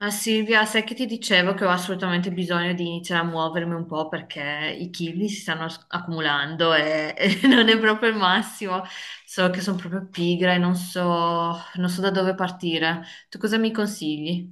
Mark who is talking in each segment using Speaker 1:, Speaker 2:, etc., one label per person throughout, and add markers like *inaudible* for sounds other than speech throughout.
Speaker 1: Ah Silvia, sai che ti dicevo che ho assolutamente bisogno di iniziare a muovermi un po' perché i chili si stanno accumulando e, *laughs* e non è proprio il massimo. So che sono proprio pigra e non so da dove partire. Tu cosa mi consigli?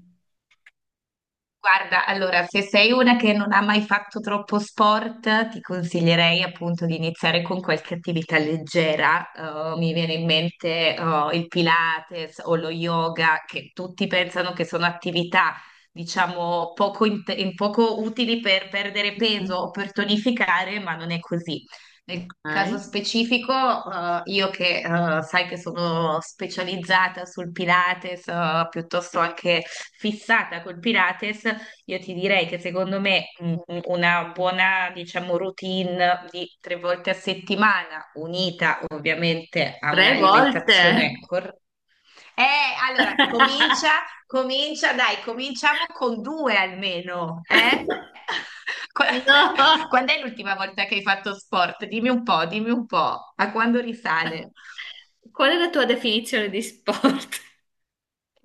Speaker 2: Guarda, allora, se sei una che non ha mai fatto troppo sport, ti consiglierei appunto di iniziare con qualche attività leggera. Mi viene in mente, il Pilates o lo yoga, che tutti pensano che sono attività, diciamo, poco utili per perdere peso
Speaker 1: Mm,
Speaker 2: o per tonificare, ma non è così. Nel caso
Speaker 1: ok.
Speaker 2: specifico, io che sai che sono specializzata sul Pilates, piuttosto anche fissata col Pilates, io ti direi che secondo me una buona, diciamo, routine di tre volte a settimana, unita ovviamente a
Speaker 1: Tre volte?
Speaker 2: un'alimentazione corretta. Eh, allora,
Speaker 1: *laughs*
Speaker 2: comincia, dai, cominciamo con due almeno, eh? *laughs* Qua-
Speaker 1: No!
Speaker 2: Quando è l'ultima volta che hai fatto sport? Dimmi un po', a quando risale?
Speaker 1: Qual è la tua definizione di sport?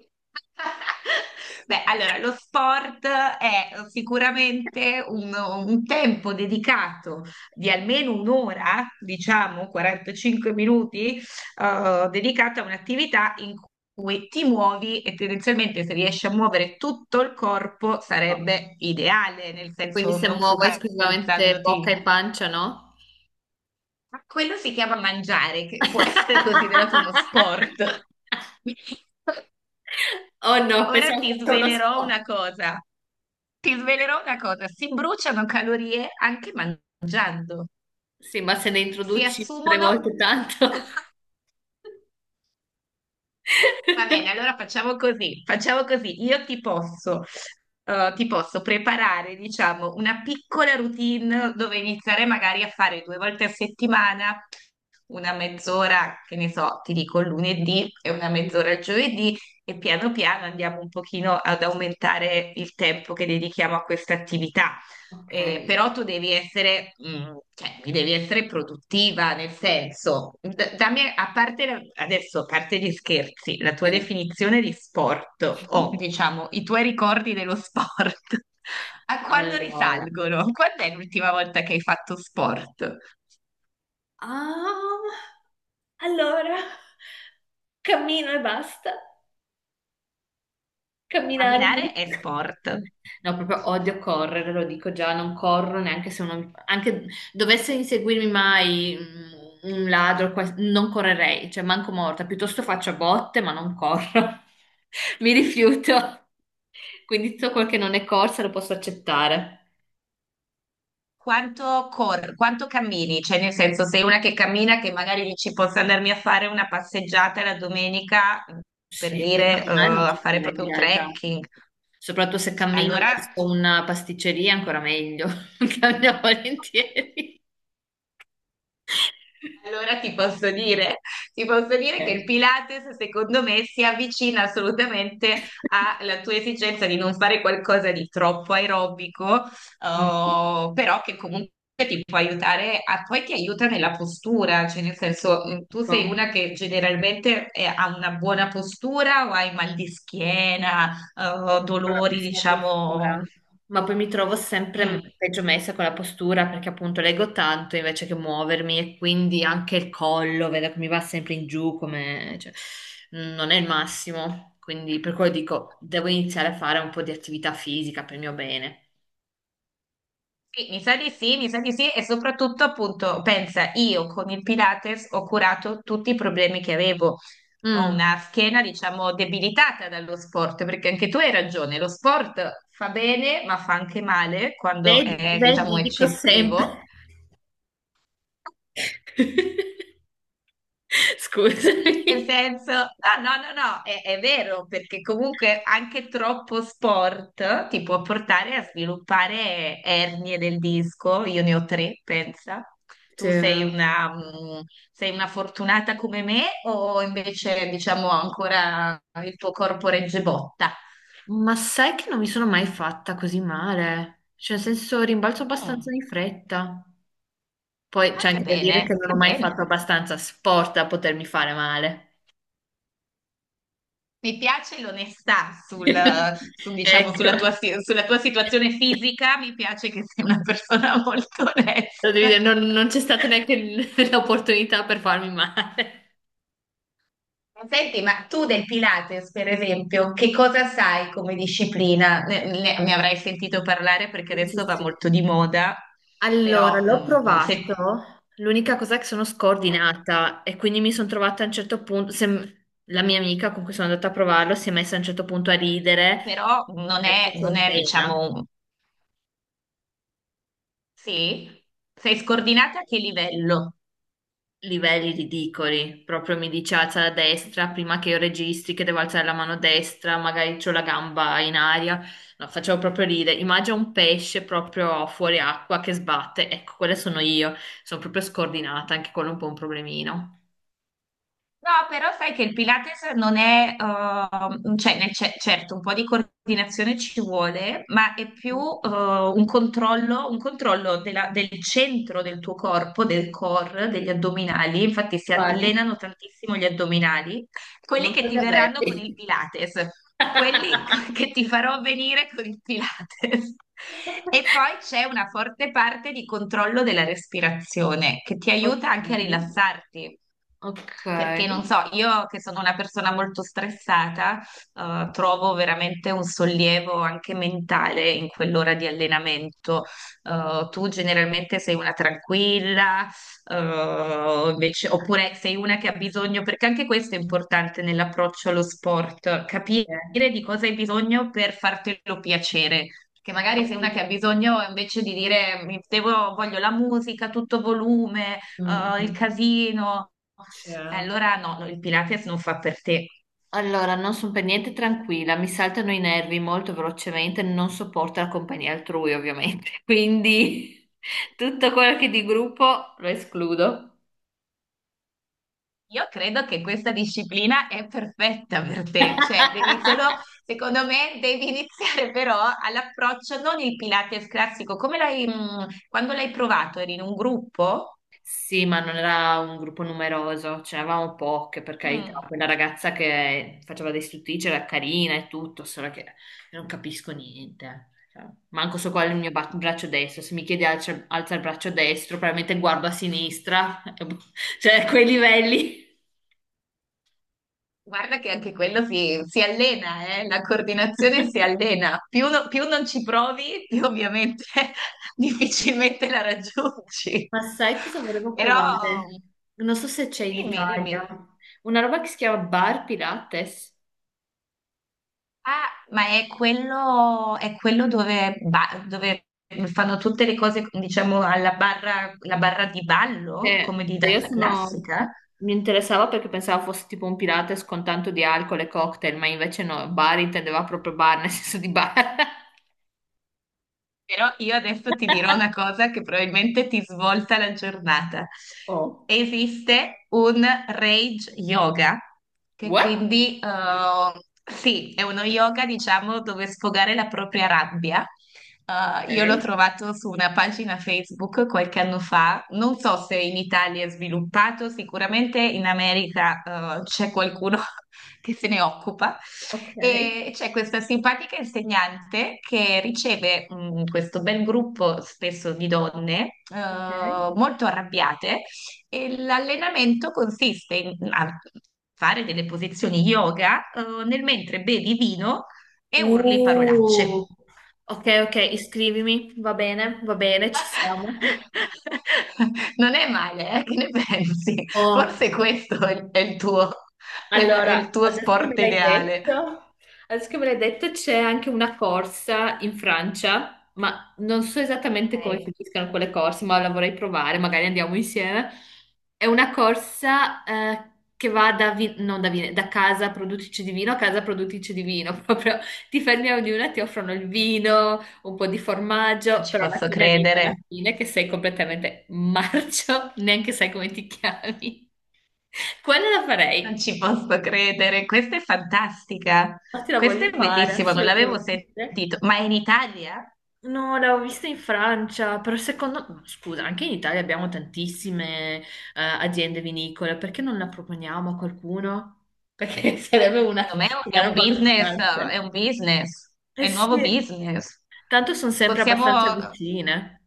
Speaker 2: *laughs* Beh, allora, lo sport è sicuramente un tempo dedicato di almeno un'ora, diciamo 45 minuti, dedicato a un'attività in cui ti muovi e tendenzialmente se riesci a muovere tutto il corpo
Speaker 1: No.
Speaker 2: sarebbe ideale, nel
Speaker 1: Quindi
Speaker 2: senso
Speaker 1: se
Speaker 2: non
Speaker 1: muovo esclusivamente bocca
Speaker 2: focalizzandoti.
Speaker 1: e pancia, no?
Speaker 2: Ma quello si chiama mangiare, che può essere considerato uno
Speaker 1: *laughs*
Speaker 2: sport. *laughs*
Speaker 1: Oh no,
Speaker 2: Ora
Speaker 1: pensavo
Speaker 2: ti
Speaker 1: fosse uno
Speaker 2: svelerò
Speaker 1: spot.
Speaker 2: una cosa. Ti svelerò una cosa, si bruciano calorie anche mangiando,
Speaker 1: Sì, ma se ne
Speaker 2: si
Speaker 1: introduci tre
Speaker 2: assumono.
Speaker 1: volte tanto.
Speaker 2: Va bene, allora
Speaker 1: *laughs*
Speaker 2: facciamo così, facciamo così. Io ti posso preparare, diciamo, una piccola routine dove iniziare magari a fare due volte a settimana, una mezz'ora, che ne so, ti dico il lunedì e una mezz'ora il giovedì e piano piano andiamo un pochino ad aumentare il tempo che dedichiamo a questa attività.
Speaker 1: Ok,
Speaker 2: Però tu devi essere, cioè, devi essere produttiva, nel senso, dammi, adesso, a parte gli scherzi, la tua definizione di sport
Speaker 1: sì.
Speaker 2: o diciamo i tuoi ricordi dello sport, *laughs* a quando
Speaker 1: Allora.
Speaker 2: risalgono? Quando è l'ultima volta che hai fatto sport?
Speaker 1: Ah, allora, cammino e basta. Camminare.
Speaker 2: Camminare è sport.
Speaker 1: No, proprio odio correre, lo dico già, non corro neanche se uno, anche dovesse inseguirmi mai un ladro, qual- non correrei, cioè manco morta, piuttosto faccio botte, ma non corro. *laughs* Mi rifiuto. Quindi tutto quel che non è corsa lo posso accettare.
Speaker 2: Quanto cammini? Cioè, nel senso, sei una che cammina, che magari dici posso andarmi a fare una passeggiata la domenica, per
Speaker 1: Sì,
Speaker 2: dire,
Speaker 1: camminare non
Speaker 2: a
Speaker 1: c'è
Speaker 2: fare
Speaker 1: problema in
Speaker 2: proprio un
Speaker 1: realtà.
Speaker 2: trekking.
Speaker 1: Soprattutto se cammino verso
Speaker 2: Allora,
Speaker 1: una pasticceria, ancora meglio. *laughs* Cammino volentieri. *laughs*
Speaker 2: Allora ti posso dire, ti posso dire che il
Speaker 1: Ok.
Speaker 2: Pilates secondo me si avvicina assolutamente alla tua esigenza di non fare qualcosa di troppo aerobico,
Speaker 1: Mm.
Speaker 2: però che comunque ti può aiutare, poi ti aiuta nella postura, cioè nel senso tu sei
Speaker 1: Ecco.
Speaker 2: una che generalmente ha una buona postura o hai mal di schiena,
Speaker 1: Con la
Speaker 2: dolori,
Speaker 1: pessima postura,
Speaker 2: diciamo...
Speaker 1: ma poi mi trovo sempre
Speaker 2: mm.
Speaker 1: peggio messa con la postura perché appunto leggo tanto invece che muovermi e quindi anche il collo, vedo che mi va sempre in giù, come cioè, non è il massimo, quindi per quello dico devo iniziare a fare un po' di attività fisica per il mio bene.
Speaker 2: Sì, mi sa di sì, mi sa di sì e soprattutto appunto pensa, io con il Pilates ho curato tutti i problemi che avevo. Ho
Speaker 1: Mm.
Speaker 2: una schiena, diciamo, debilitata dallo sport, perché anche tu hai ragione, lo sport fa bene, ma fa anche male quando
Speaker 1: Vedi,
Speaker 2: è, diciamo,
Speaker 1: vedi, dico sempre.
Speaker 2: eccessivo.
Speaker 1: *laughs*
Speaker 2: Nel
Speaker 1: Scusami.
Speaker 2: senso, ah, no, no, no, è vero, perché comunque anche troppo sport ti può portare a sviluppare ernie del disco. Io ne ho tre, pensa.
Speaker 1: Sì.
Speaker 2: Tu sei una, sei una fortunata come me o invece, diciamo, ancora il tuo corpo regge botta?
Speaker 1: Ma sai che non mi sono mai fatta così male? Cioè, nel senso, rimbalzo abbastanza
Speaker 2: Mm,
Speaker 1: di fretta. Poi
Speaker 2: ah,
Speaker 1: c'è
Speaker 2: che
Speaker 1: anche da dire che
Speaker 2: bene,
Speaker 1: non
Speaker 2: che
Speaker 1: ho mai
Speaker 2: bene.
Speaker 1: fatto abbastanza sport da potermi fare male.
Speaker 2: Mi piace l'onestà sul,
Speaker 1: *laughs*
Speaker 2: su, diciamo,
Speaker 1: Ecco, lo
Speaker 2: sulla tua situazione fisica, mi piace che sei una persona *laughs* molto
Speaker 1: devi dire,
Speaker 2: onesta.
Speaker 1: non c'è stata neanche *laughs* l'opportunità per farmi male. *laughs*
Speaker 2: Senti, ma tu del Pilates, per esempio, che cosa sai come disciplina? Ne avrai sentito parlare perché
Speaker 1: Sì,
Speaker 2: adesso va
Speaker 1: sì.
Speaker 2: molto di moda,
Speaker 1: Allora,
Speaker 2: però,
Speaker 1: l'ho provato. L'unica cosa è che sono scordinata e quindi mi sono trovata a un certo punto. La mia amica con cui sono andata a provarlo si è messa a un certo punto a ridere
Speaker 2: però non
Speaker 1: perché
Speaker 2: è, non
Speaker 1: facevo
Speaker 2: è,
Speaker 1: pena.
Speaker 2: diciamo, sì? Sei scordinata a che livello?
Speaker 1: Livelli ridicoli. Proprio mi dice alza la destra prima che io registri che devo alzare la mano destra, magari c'ho la gamba in aria. No, facevo proprio ridere. Immagina un pesce proprio fuori acqua che sbatte. Ecco, quelle sono io. Sono proprio scordinata, anche quello è un po' un problemino.
Speaker 2: No, però sai che il Pilates non è, cioè, certo, un po' di coordinazione ci vuole, ma è più, un controllo, del centro del tuo corpo, del core, degli addominali. Infatti si
Speaker 1: Quali?
Speaker 2: allenano tantissimo gli addominali, quelli
Speaker 1: Non
Speaker 2: che
Speaker 1: so di
Speaker 2: ti verranno con il
Speaker 1: averli.
Speaker 2: Pilates, quelli *laughs* co-
Speaker 1: *laughs*
Speaker 2: che ti farò venire con il Pilates. E poi c'è una forte parte di controllo della respirazione che ti aiuta anche a
Speaker 1: Ok.
Speaker 2: rilassarti.
Speaker 1: Ok.
Speaker 2: Perché non so, io che sono una persona molto stressata, trovo veramente un sollievo anche mentale in quell'ora di allenamento. Tu generalmente sei una tranquilla, oppure sei una che ha bisogno, perché anche questo è importante nell'approccio allo sport, capire
Speaker 1: Ok.
Speaker 2: di cosa hai bisogno per fartelo piacere. Che magari sei una che ha bisogno invece di dire voglio la musica, a tutto volume.
Speaker 1: Mm,
Speaker 2: Oh, il
Speaker 1: mm.
Speaker 2: casino.
Speaker 1: C'è.
Speaker 2: Allora no, no, il Pilates non fa per te.
Speaker 1: Allora, non sono per niente tranquilla, mi saltano i nervi molto velocemente, non sopporto la compagnia altrui, ovviamente. *laughs* Quindi tutto quello che è di gruppo lo escludo.
Speaker 2: Io credo che questa disciplina è perfetta per te, cioè devi solo,
Speaker 1: *laughs*
Speaker 2: secondo me, devi iniziare però all'approccio, non il Pilates classico, come l'hai, quando l'hai provato, eri in un gruppo?
Speaker 1: Sì, ma non era un gruppo numeroso, ce n'eravamo poche, per carità.
Speaker 2: Mm,
Speaker 1: Quella ragazza che faceva dei stuttici era carina e tutto, solo che io non capisco niente. Cioè, manco so qual è il mio braccio destro. Se mi chiedi alza il braccio destro, probabilmente guardo a sinistra, *laughs* cioè a quei livelli.
Speaker 2: guarda che anche quello si allena, la coordinazione si allena. Più non ci provi, più ovviamente *laughs* difficilmente la raggiungi.
Speaker 1: Ma sai cosa
Speaker 2: *laughs*
Speaker 1: volevo
Speaker 2: Però
Speaker 1: provare? Non so se c'è in
Speaker 2: dimmi, dimmi.
Speaker 1: Italia. Una roba che si chiama Bar Pilates.
Speaker 2: Ah, ma è quello, dove fanno tutte le cose, diciamo, alla barra, la barra di ballo, come
Speaker 1: Che
Speaker 2: di
Speaker 1: che io
Speaker 2: danza
Speaker 1: sono...
Speaker 2: classica?
Speaker 1: Mi interessava perché pensavo fosse tipo un Pilates con tanto di alcol e cocktail, ma invece no, bar intendeva proprio bar, nel senso di bar.
Speaker 2: Però io adesso ti dirò una
Speaker 1: *laughs*
Speaker 2: cosa che probabilmente ti svolta la giornata.
Speaker 1: Oh,
Speaker 2: Esiste un rage yoga, che
Speaker 1: what?
Speaker 2: quindi sì, è uno yoga, diciamo, dove sfogare la propria rabbia.
Speaker 1: Ok,
Speaker 2: Io l'ho trovato su una pagina Facebook qualche anno fa, non so se in Italia è sviluppato, sicuramente in America c'è qualcuno che se ne occupa.
Speaker 1: ok,
Speaker 2: E c'è questa simpatica insegnante che riceve questo bel gruppo, spesso di donne,
Speaker 1: ok.
Speaker 2: molto arrabbiate, e l'allenamento consiste in a fare delle posizioni yoga, nel mentre bevi vino e urli parolacce.
Speaker 1: Uh, ok, ok, iscrivimi, va bene, ci siamo.
Speaker 2: *laughs* Non è male, eh? Che ne pensi? Forse
Speaker 1: Oh.
Speaker 2: questo è è il tuo, è il
Speaker 1: Allora,
Speaker 2: tuo
Speaker 1: adesso che me
Speaker 2: sport
Speaker 1: l'hai
Speaker 2: ideale.
Speaker 1: detto, adesso che me l'hai detto c'è anche una corsa in Francia, ma non so esattamente come
Speaker 2: Ok.
Speaker 1: finiscano quelle corse, ma la vorrei provare, magari andiamo insieme. È una corsa che va da, vi- non da, vi- da casa produttrice di vino a casa produttrice di vino, *laughs* proprio ti fermi a ognuna, ti offrono il vino, un po' di
Speaker 2: Non
Speaker 1: formaggio,
Speaker 2: ci
Speaker 1: però alla
Speaker 2: posso
Speaker 1: fine arriva alla
Speaker 2: credere,
Speaker 1: fine che sei completamente marcio, *laughs* neanche sai come ti chiami. *laughs* Quella la
Speaker 2: non
Speaker 1: farei.
Speaker 2: ci posso credere. Questa è fantastica,
Speaker 1: Ma te la
Speaker 2: questa
Speaker 1: voglio
Speaker 2: è
Speaker 1: fare,
Speaker 2: bellissima, non l'avevo
Speaker 1: assolutamente.
Speaker 2: sentito. Ma è in Italia?
Speaker 1: No, l'avevo vista in Francia, però secondo me, scusa, anche in Italia abbiamo tantissime aziende vinicole, perché non la proponiamo a qualcuno? Perché *laughs* sarebbe una,
Speaker 2: Secondo me è
Speaker 1: una
Speaker 2: un
Speaker 1: roba
Speaker 2: business, è
Speaker 1: allucinante.
Speaker 2: un business,
Speaker 1: Eh
Speaker 2: è un nuovo
Speaker 1: sì,
Speaker 2: business.
Speaker 1: tanto sono sempre
Speaker 2: Possiamo,
Speaker 1: abbastanza vicine.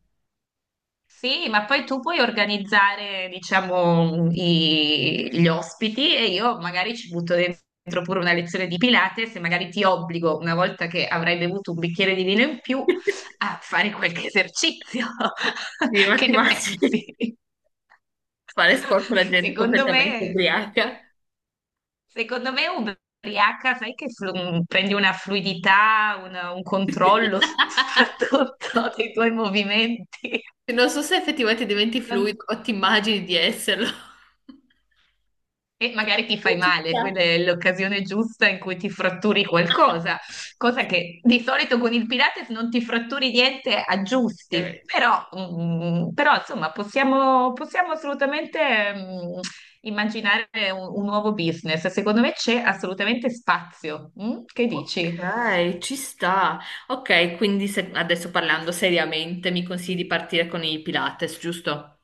Speaker 2: sì, ma poi tu puoi organizzare, diciamo, gli ospiti e io magari ci butto dentro pure una lezione di Pilates e magari ti obbligo, una volta che avrai bevuto un bicchiere di vino in più,
Speaker 1: *laughs*
Speaker 2: a fare qualche esercizio.
Speaker 1: Sì,
Speaker 2: *laughs*
Speaker 1: ma
Speaker 2: Che
Speaker 1: ti
Speaker 2: ne
Speaker 1: immagini
Speaker 2: pensi?
Speaker 1: fare sport con la
Speaker 2: *laughs*
Speaker 1: gente
Speaker 2: Secondo
Speaker 1: completamente
Speaker 2: me,
Speaker 1: ubriaca?
Speaker 2: secondo me ubriaca, sai che prendi una fluidità, un controllo
Speaker 1: *laughs*
Speaker 2: *laughs* soprattutto dei tuoi movimenti.
Speaker 1: Non so se effettivamente diventi fluido
Speaker 2: *laughs*
Speaker 1: o ti immagini di esserlo. *laughs*
Speaker 2: E magari ti fai
Speaker 1: Ci
Speaker 2: male,
Speaker 1: sta.
Speaker 2: quella è l'occasione giusta in cui ti fratturi
Speaker 1: *laughs*
Speaker 2: qualcosa,
Speaker 1: Ok,
Speaker 2: cosa che di solito con il Pilates non ti fratturi niente, aggiusti. Però, però, insomma, possiamo assolutamente, mm, immaginare un nuovo business. Secondo me c'è assolutamente spazio. Mm? Che dici?
Speaker 1: ok, ci sta. Ok, quindi adesso parlando seriamente, mi consigli di partire con i Pilates, giusto?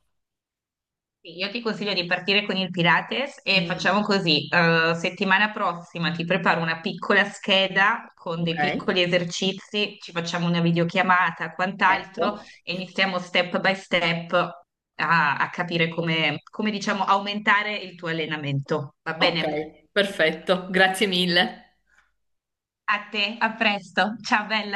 Speaker 2: Sì, io ti consiglio di partire con il Pilates e
Speaker 1: Mm,
Speaker 2: facciamo così, settimana prossima ti preparo una piccola scheda con
Speaker 1: ok,
Speaker 2: dei piccoli esercizi, ci facciamo una videochiamata, quant'altro
Speaker 1: ecco.
Speaker 2: e iniziamo step by step a capire come, diciamo, aumentare il tuo allenamento. Va
Speaker 1: Ok,
Speaker 2: bene?
Speaker 1: perfetto, grazie mille.
Speaker 2: A te, a presto. Ciao bella.